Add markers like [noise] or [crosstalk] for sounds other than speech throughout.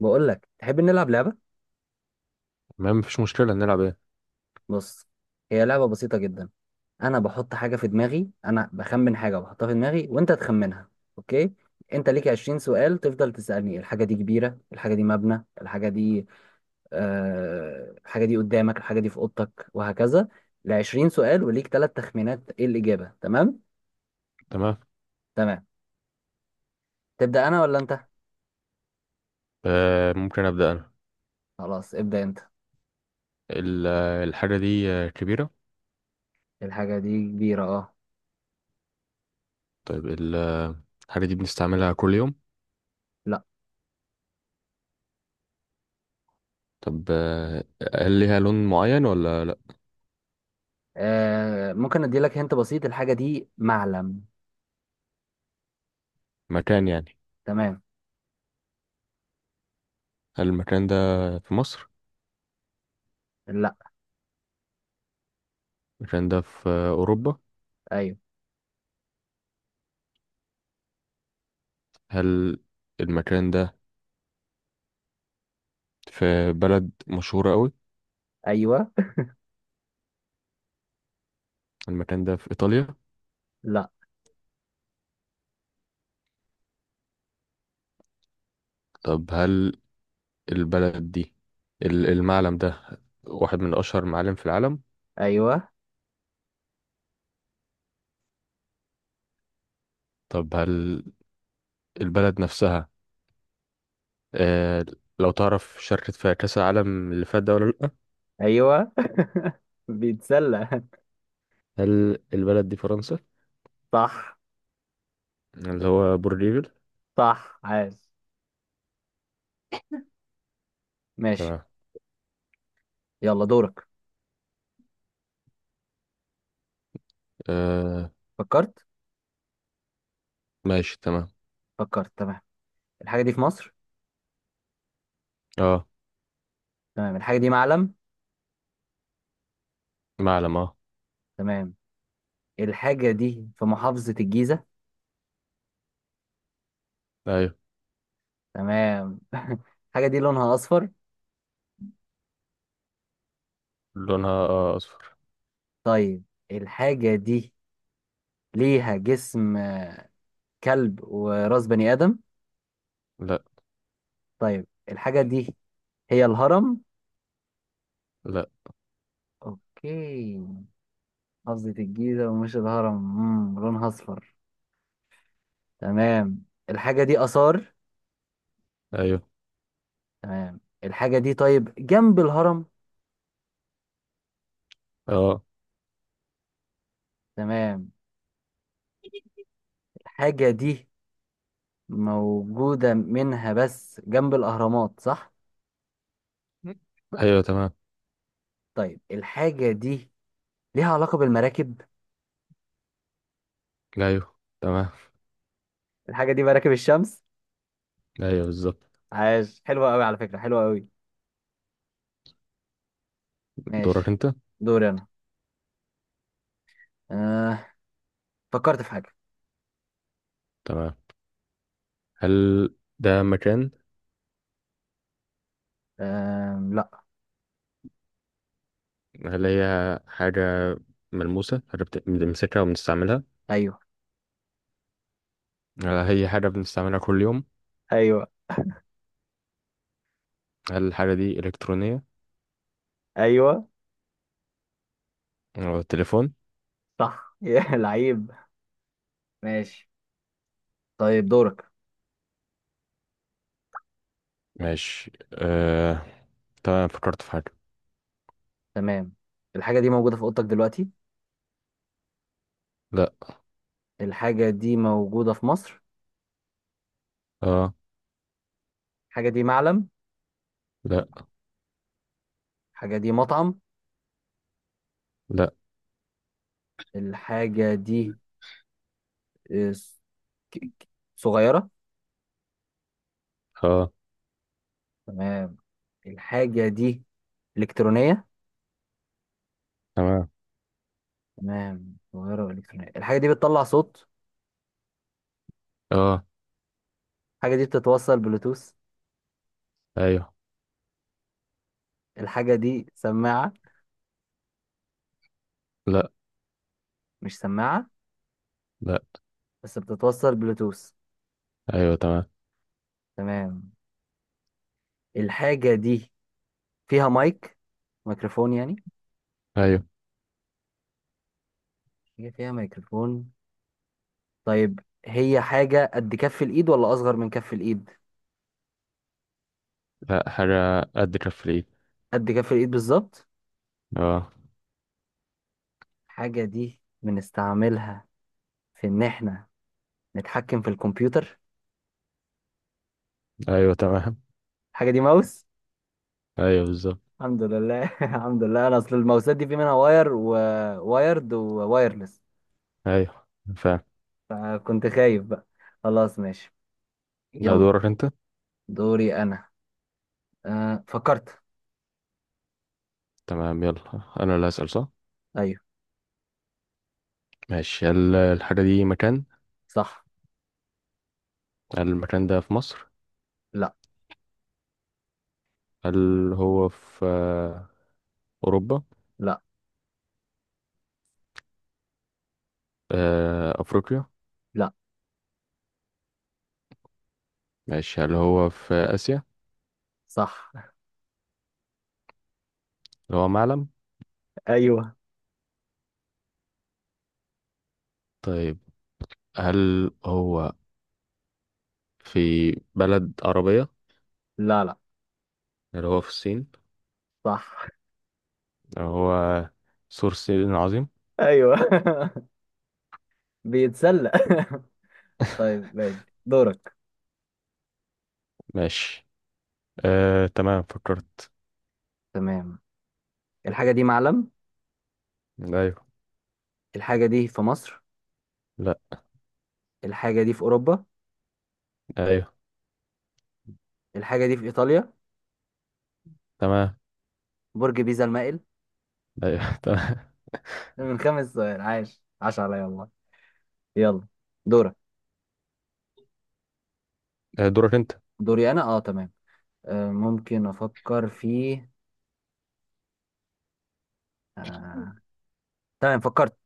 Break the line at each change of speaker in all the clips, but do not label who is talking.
بقول لك تحب نلعب لعبة.
تمام مفيش مشكلة، نلعب ايه؟
بص، هي لعبة بسيطة جدا. انا بحط حاجة في دماغي، انا بخمن حاجة بحطها في دماغي وانت تخمنها. اوكي، انت ليك 20 سؤال، تفضل تسألني الحاجة دي كبيرة، الحاجة دي مبنى، الحاجة دي الحاجة دي قدامك، الحاجة دي في اوضتك وهكذا. ل 20 سؤال وليك ثلاث تخمينات ايه الإجابة؟ تمام.
تمام.
تمام، تبدأ انا ولا انت؟
ممكن أبدأ أنا.
خلاص ابدأ انت.
الحاجة دي كبيرة.
الحاجة دي كبيرة، اه.
طيب، الحاجة دي بنستعملها كل يوم؟
لا.
طب هل ليها لون معين ولا لأ؟
آه، ممكن ادي لك هنت بسيط، الحاجة دي معلم.
مكان يعني؟
تمام.
هل المكان ده في مصر؟
لا.
المكان ده في أوروبا؟
ايوه.
هل المكان ده في بلد مشهورة أوي؟
ايوه.
المكان ده في إيطاليا؟
لا.
طب هل البلد دي، المعلم ده واحد من أشهر معالم في العالم؟
ايوه.
طب هل البلد نفسها، آه، لو تعرف، شاركت في كأس العالم اللي فات ده ولا لأ؟
ايوه. [laughs] بيتسلى.
هل البلد دي فرنسا؟
صح.
اللي هو بورليفل.
صح، عاش. ماشي.
تمام.
يلا دورك.
آه
فكرت.
ماشي تمام.
فكرت، تمام. الحاجة دي في مصر.
اه.
تمام، الحاجة دي معلم.
معلم اه.
تمام، الحاجة دي في محافظة الجيزة.
ايوه.
تمام. [laughs] الحاجة دي لونها أصفر.
لونها آه اصفر.
طيب، الحاجة دي ليها جسم كلب وراس بني آدم.
لا.
طيب، الحاجة دي هي الهرم.
لا.
أوكي، محافظة الجيزة ومش الهرم لونها أصفر. تمام، الحاجة دي آثار.
ايوه.
تمام، الحاجة دي طيب جنب الهرم.
اه.
تمام، الحاجة دي موجودة منها بس جنب الأهرامات، صح؟
ايوه تمام.
طيب، الحاجة دي ليها علاقة بالمراكب.
ايوه تمام.
الحاجة دي مراكب الشمس.
ايوه بالظبط.
عاش، حلوة أوي على فكرة، حلوة أوي.
دورك
ماشي.
انت.
دوري أنا. آه. فكرت في حاجة.
تمام. هل ده مكان؟
لا.
هل هي حاجة ملموسة؟ هل بنمسكها وبنستعملها؟
أيوه.
هل هي حاجة بنستعملها كل يوم؟
أيوه.
هل الحاجة دي إلكترونية؟
أيوه.
هو التليفون؟
صح. [laughs] يا لعيب. ماشي، طيب دورك.
ماشي آه. تمام، فكرت في حاجة.
تمام، الحاجة دي موجودة في أوضتك دلوقتي.
لا.
الحاجة دي موجودة في مصر.
اه.
الحاجة دي معلم.
لا.
الحاجة دي مطعم.
لا.
الحاجة دي آه، س- ك- ك- صغيرة.
اه.
تمام، الحاجة دي إلكترونية.
تمام.
تمام، صغيرة وإلكترونية. الحاجة دي بتطلع صوت.
اه.
الحاجة دي بتتوصل بلوتوث.
ايوه.
الحاجة دي سماعة.
لا.
مش سماعة،
لا.
بس بتتوصل بلوتوث.
ايوه تمام.
تمام، الحاجة دي فيها مايك، ميكروفون يعني.
ايوه.
هي فيها ميكروفون. طيب، هي حاجة قد كف الإيد ولا أصغر من كف الإيد؟
لا، حاجة قد كف الايد.
قد كف الإيد بالظبط.
اه.
الحاجة دي بنستعملها في إن إحنا نتحكم في الكمبيوتر.
ايوه تمام.
الحاجة دي ماوس.
ايوه بالظبط.
الحمد لله. [laughs] الحمد لله، أنا أصل الماوسات دي في منها واير ووايرد ووايرلس،
ايوه. فاهم.
فكنت خايف بقى. خلاص ماشي.
ده
يلا،
دورك انت.
دوري أنا. أه، فكرت.
تمام يلا انا اللي هسأل، صح؟
أيوه.
ماشي. هل الحاجة دي مكان؟
صح.
هل المكان ده في مصر؟
لا.
هل هو في أوروبا؟
لا.
أفريقيا؟
لا.
ماشي، هل هو في آسيا؟
صح.
هل هو معلم؟
[laughs] أيوه.
طيب، هل هو في بلد عربية؟
لا. لا.
اللي هو في الصين؟
صح.
هو سور الصين العظيم؟
أيوه. [laughs] بيتسلق. [laughs]
[laughs]
طيب ماشي دورك.
ماشي. آه تمام، فكرت.
تمام، الحاجة دي معلم.
ايوه.
الحاجة دي في مصر.
لا.
الحاجة دي في أوروبا.
ايوه
الحاجة دي في إيطاليا.
تمام.
برج بيزا المائل.
ايوه. [laughs] تمام.
ده من خمس سؤال، عاش عاش عليا والله. يلا دورك.
دورك انت.
دوري أنا، أه تمام. آه، ممكن أفكر في آه تمام، فكرت.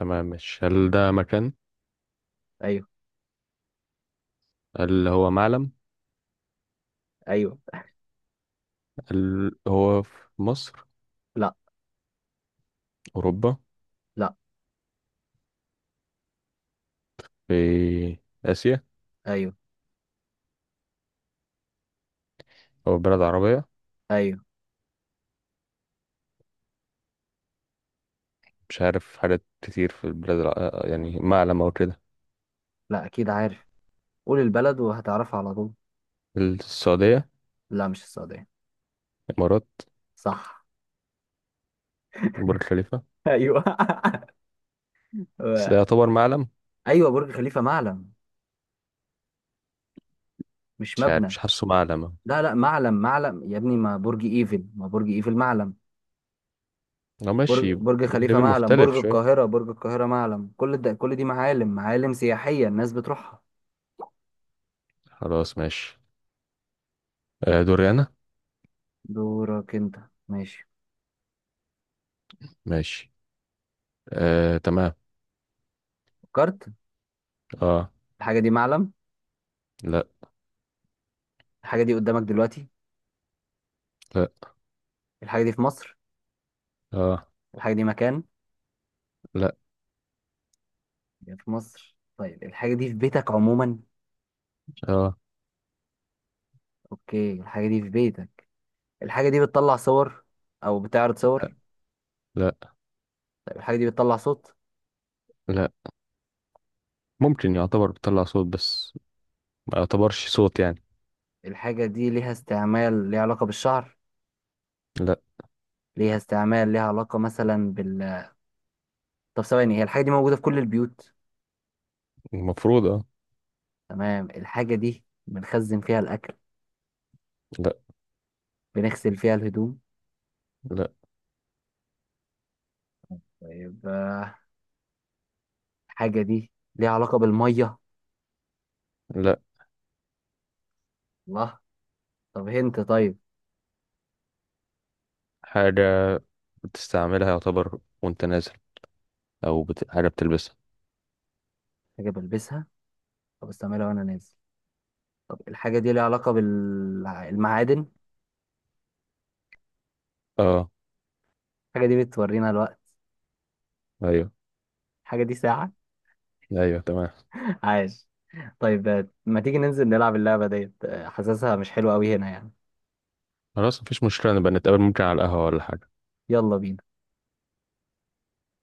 تمام ماشي. هل ده مكان؟
أيوه.
هل هو معلم؟
أيوه.
هل هو في مصر؟
لا.
اوروبا؟
لا.
في اسيا؟
أيوه.
او بلد عربية؟
أيوه.
مش عارف حاجات كتير في البلاد الع... يعني معلم او كده.
لا، أكيد عارف، قول البلد وهتعرفها على طول.
السعودية؟
لا مش السعودية.
الامارات؟
صح.
برج خليفة؟
[laughs] أيوه.
بس ده
[laughs]
يعتبر معلم؟
أيوه برج خليفة معلم، مش
مش عارف،
مبنى.
مش حاسه معلمة.
لا لا، معلم معلم يا ابني، ما برج إيفل، ما برج إيفل معلم.
لو ماشي.
برج خليفة
ليفل
معلم،
مختلف
برج
شوية.
القاهرة، برج القاهرة معلم، كل ده كل دي معالم، معالم سياحية الناس بتروحها.
خلاص ماشي. آه دوري أنا.
دورك انت. ماشي.
ماشي آه تمام.
فكرت.
اه.
الحاجة دي معلم.
لا.
الحاجة دي قدامك دلوقتي.
لا.
الحاجة دي في مصر.
اه.
الحاجة دي مكان.
لا.
هي في مصر، طيب الحاجة دي في بيتك عموما.
اه.
اوكي، الحاجة دي في بيتك. الحاجة دي بتطلع صور او بتعرض صور.
لا.
طيب الحاجة دي بتطلع صوت.
لا. ممكن يعتبر بتطلع صوت، بس ما يعتبرش صوت يعني.
الحاجة دي ليها استعمال ليها علاقة بالشعر.
لا.
ليها استعمال ليها علاقة مثلا بال، طب ثواني، هي الحاجة دي موجودة في كل البيوت.
المفروض اه.
تمام، الحاجة دي بنخزن فيها الأكل.
لا.
بنغسل فيها الهدوم.
لا.
طيب، الحاجة دي ليها علاقة بالمية.
لا.
الله. طب هنت، طيب،
حاجة بتستعملها يعتبر وانت نازل، حاجة بتلبسها.
حاجة بلبسها، طب استعملها وأنا نازل. طب الحاجة دي ليها علاقة بالمعادن.
اه.
الحاجة دي بتورينا الوقت.
أيوه.
الحاجة دي ساعة.
أيوه تمام.
[laughs] عاش. طيب، ما تيجي ننزل نلعب اللعبة ديت؟ حاسسها مش حلوة أوي هنا يعني.
خلاص مفيش مشكلة، نبقى نتقابل ممكن على القهوة ولا حاجة.
يلا بينا.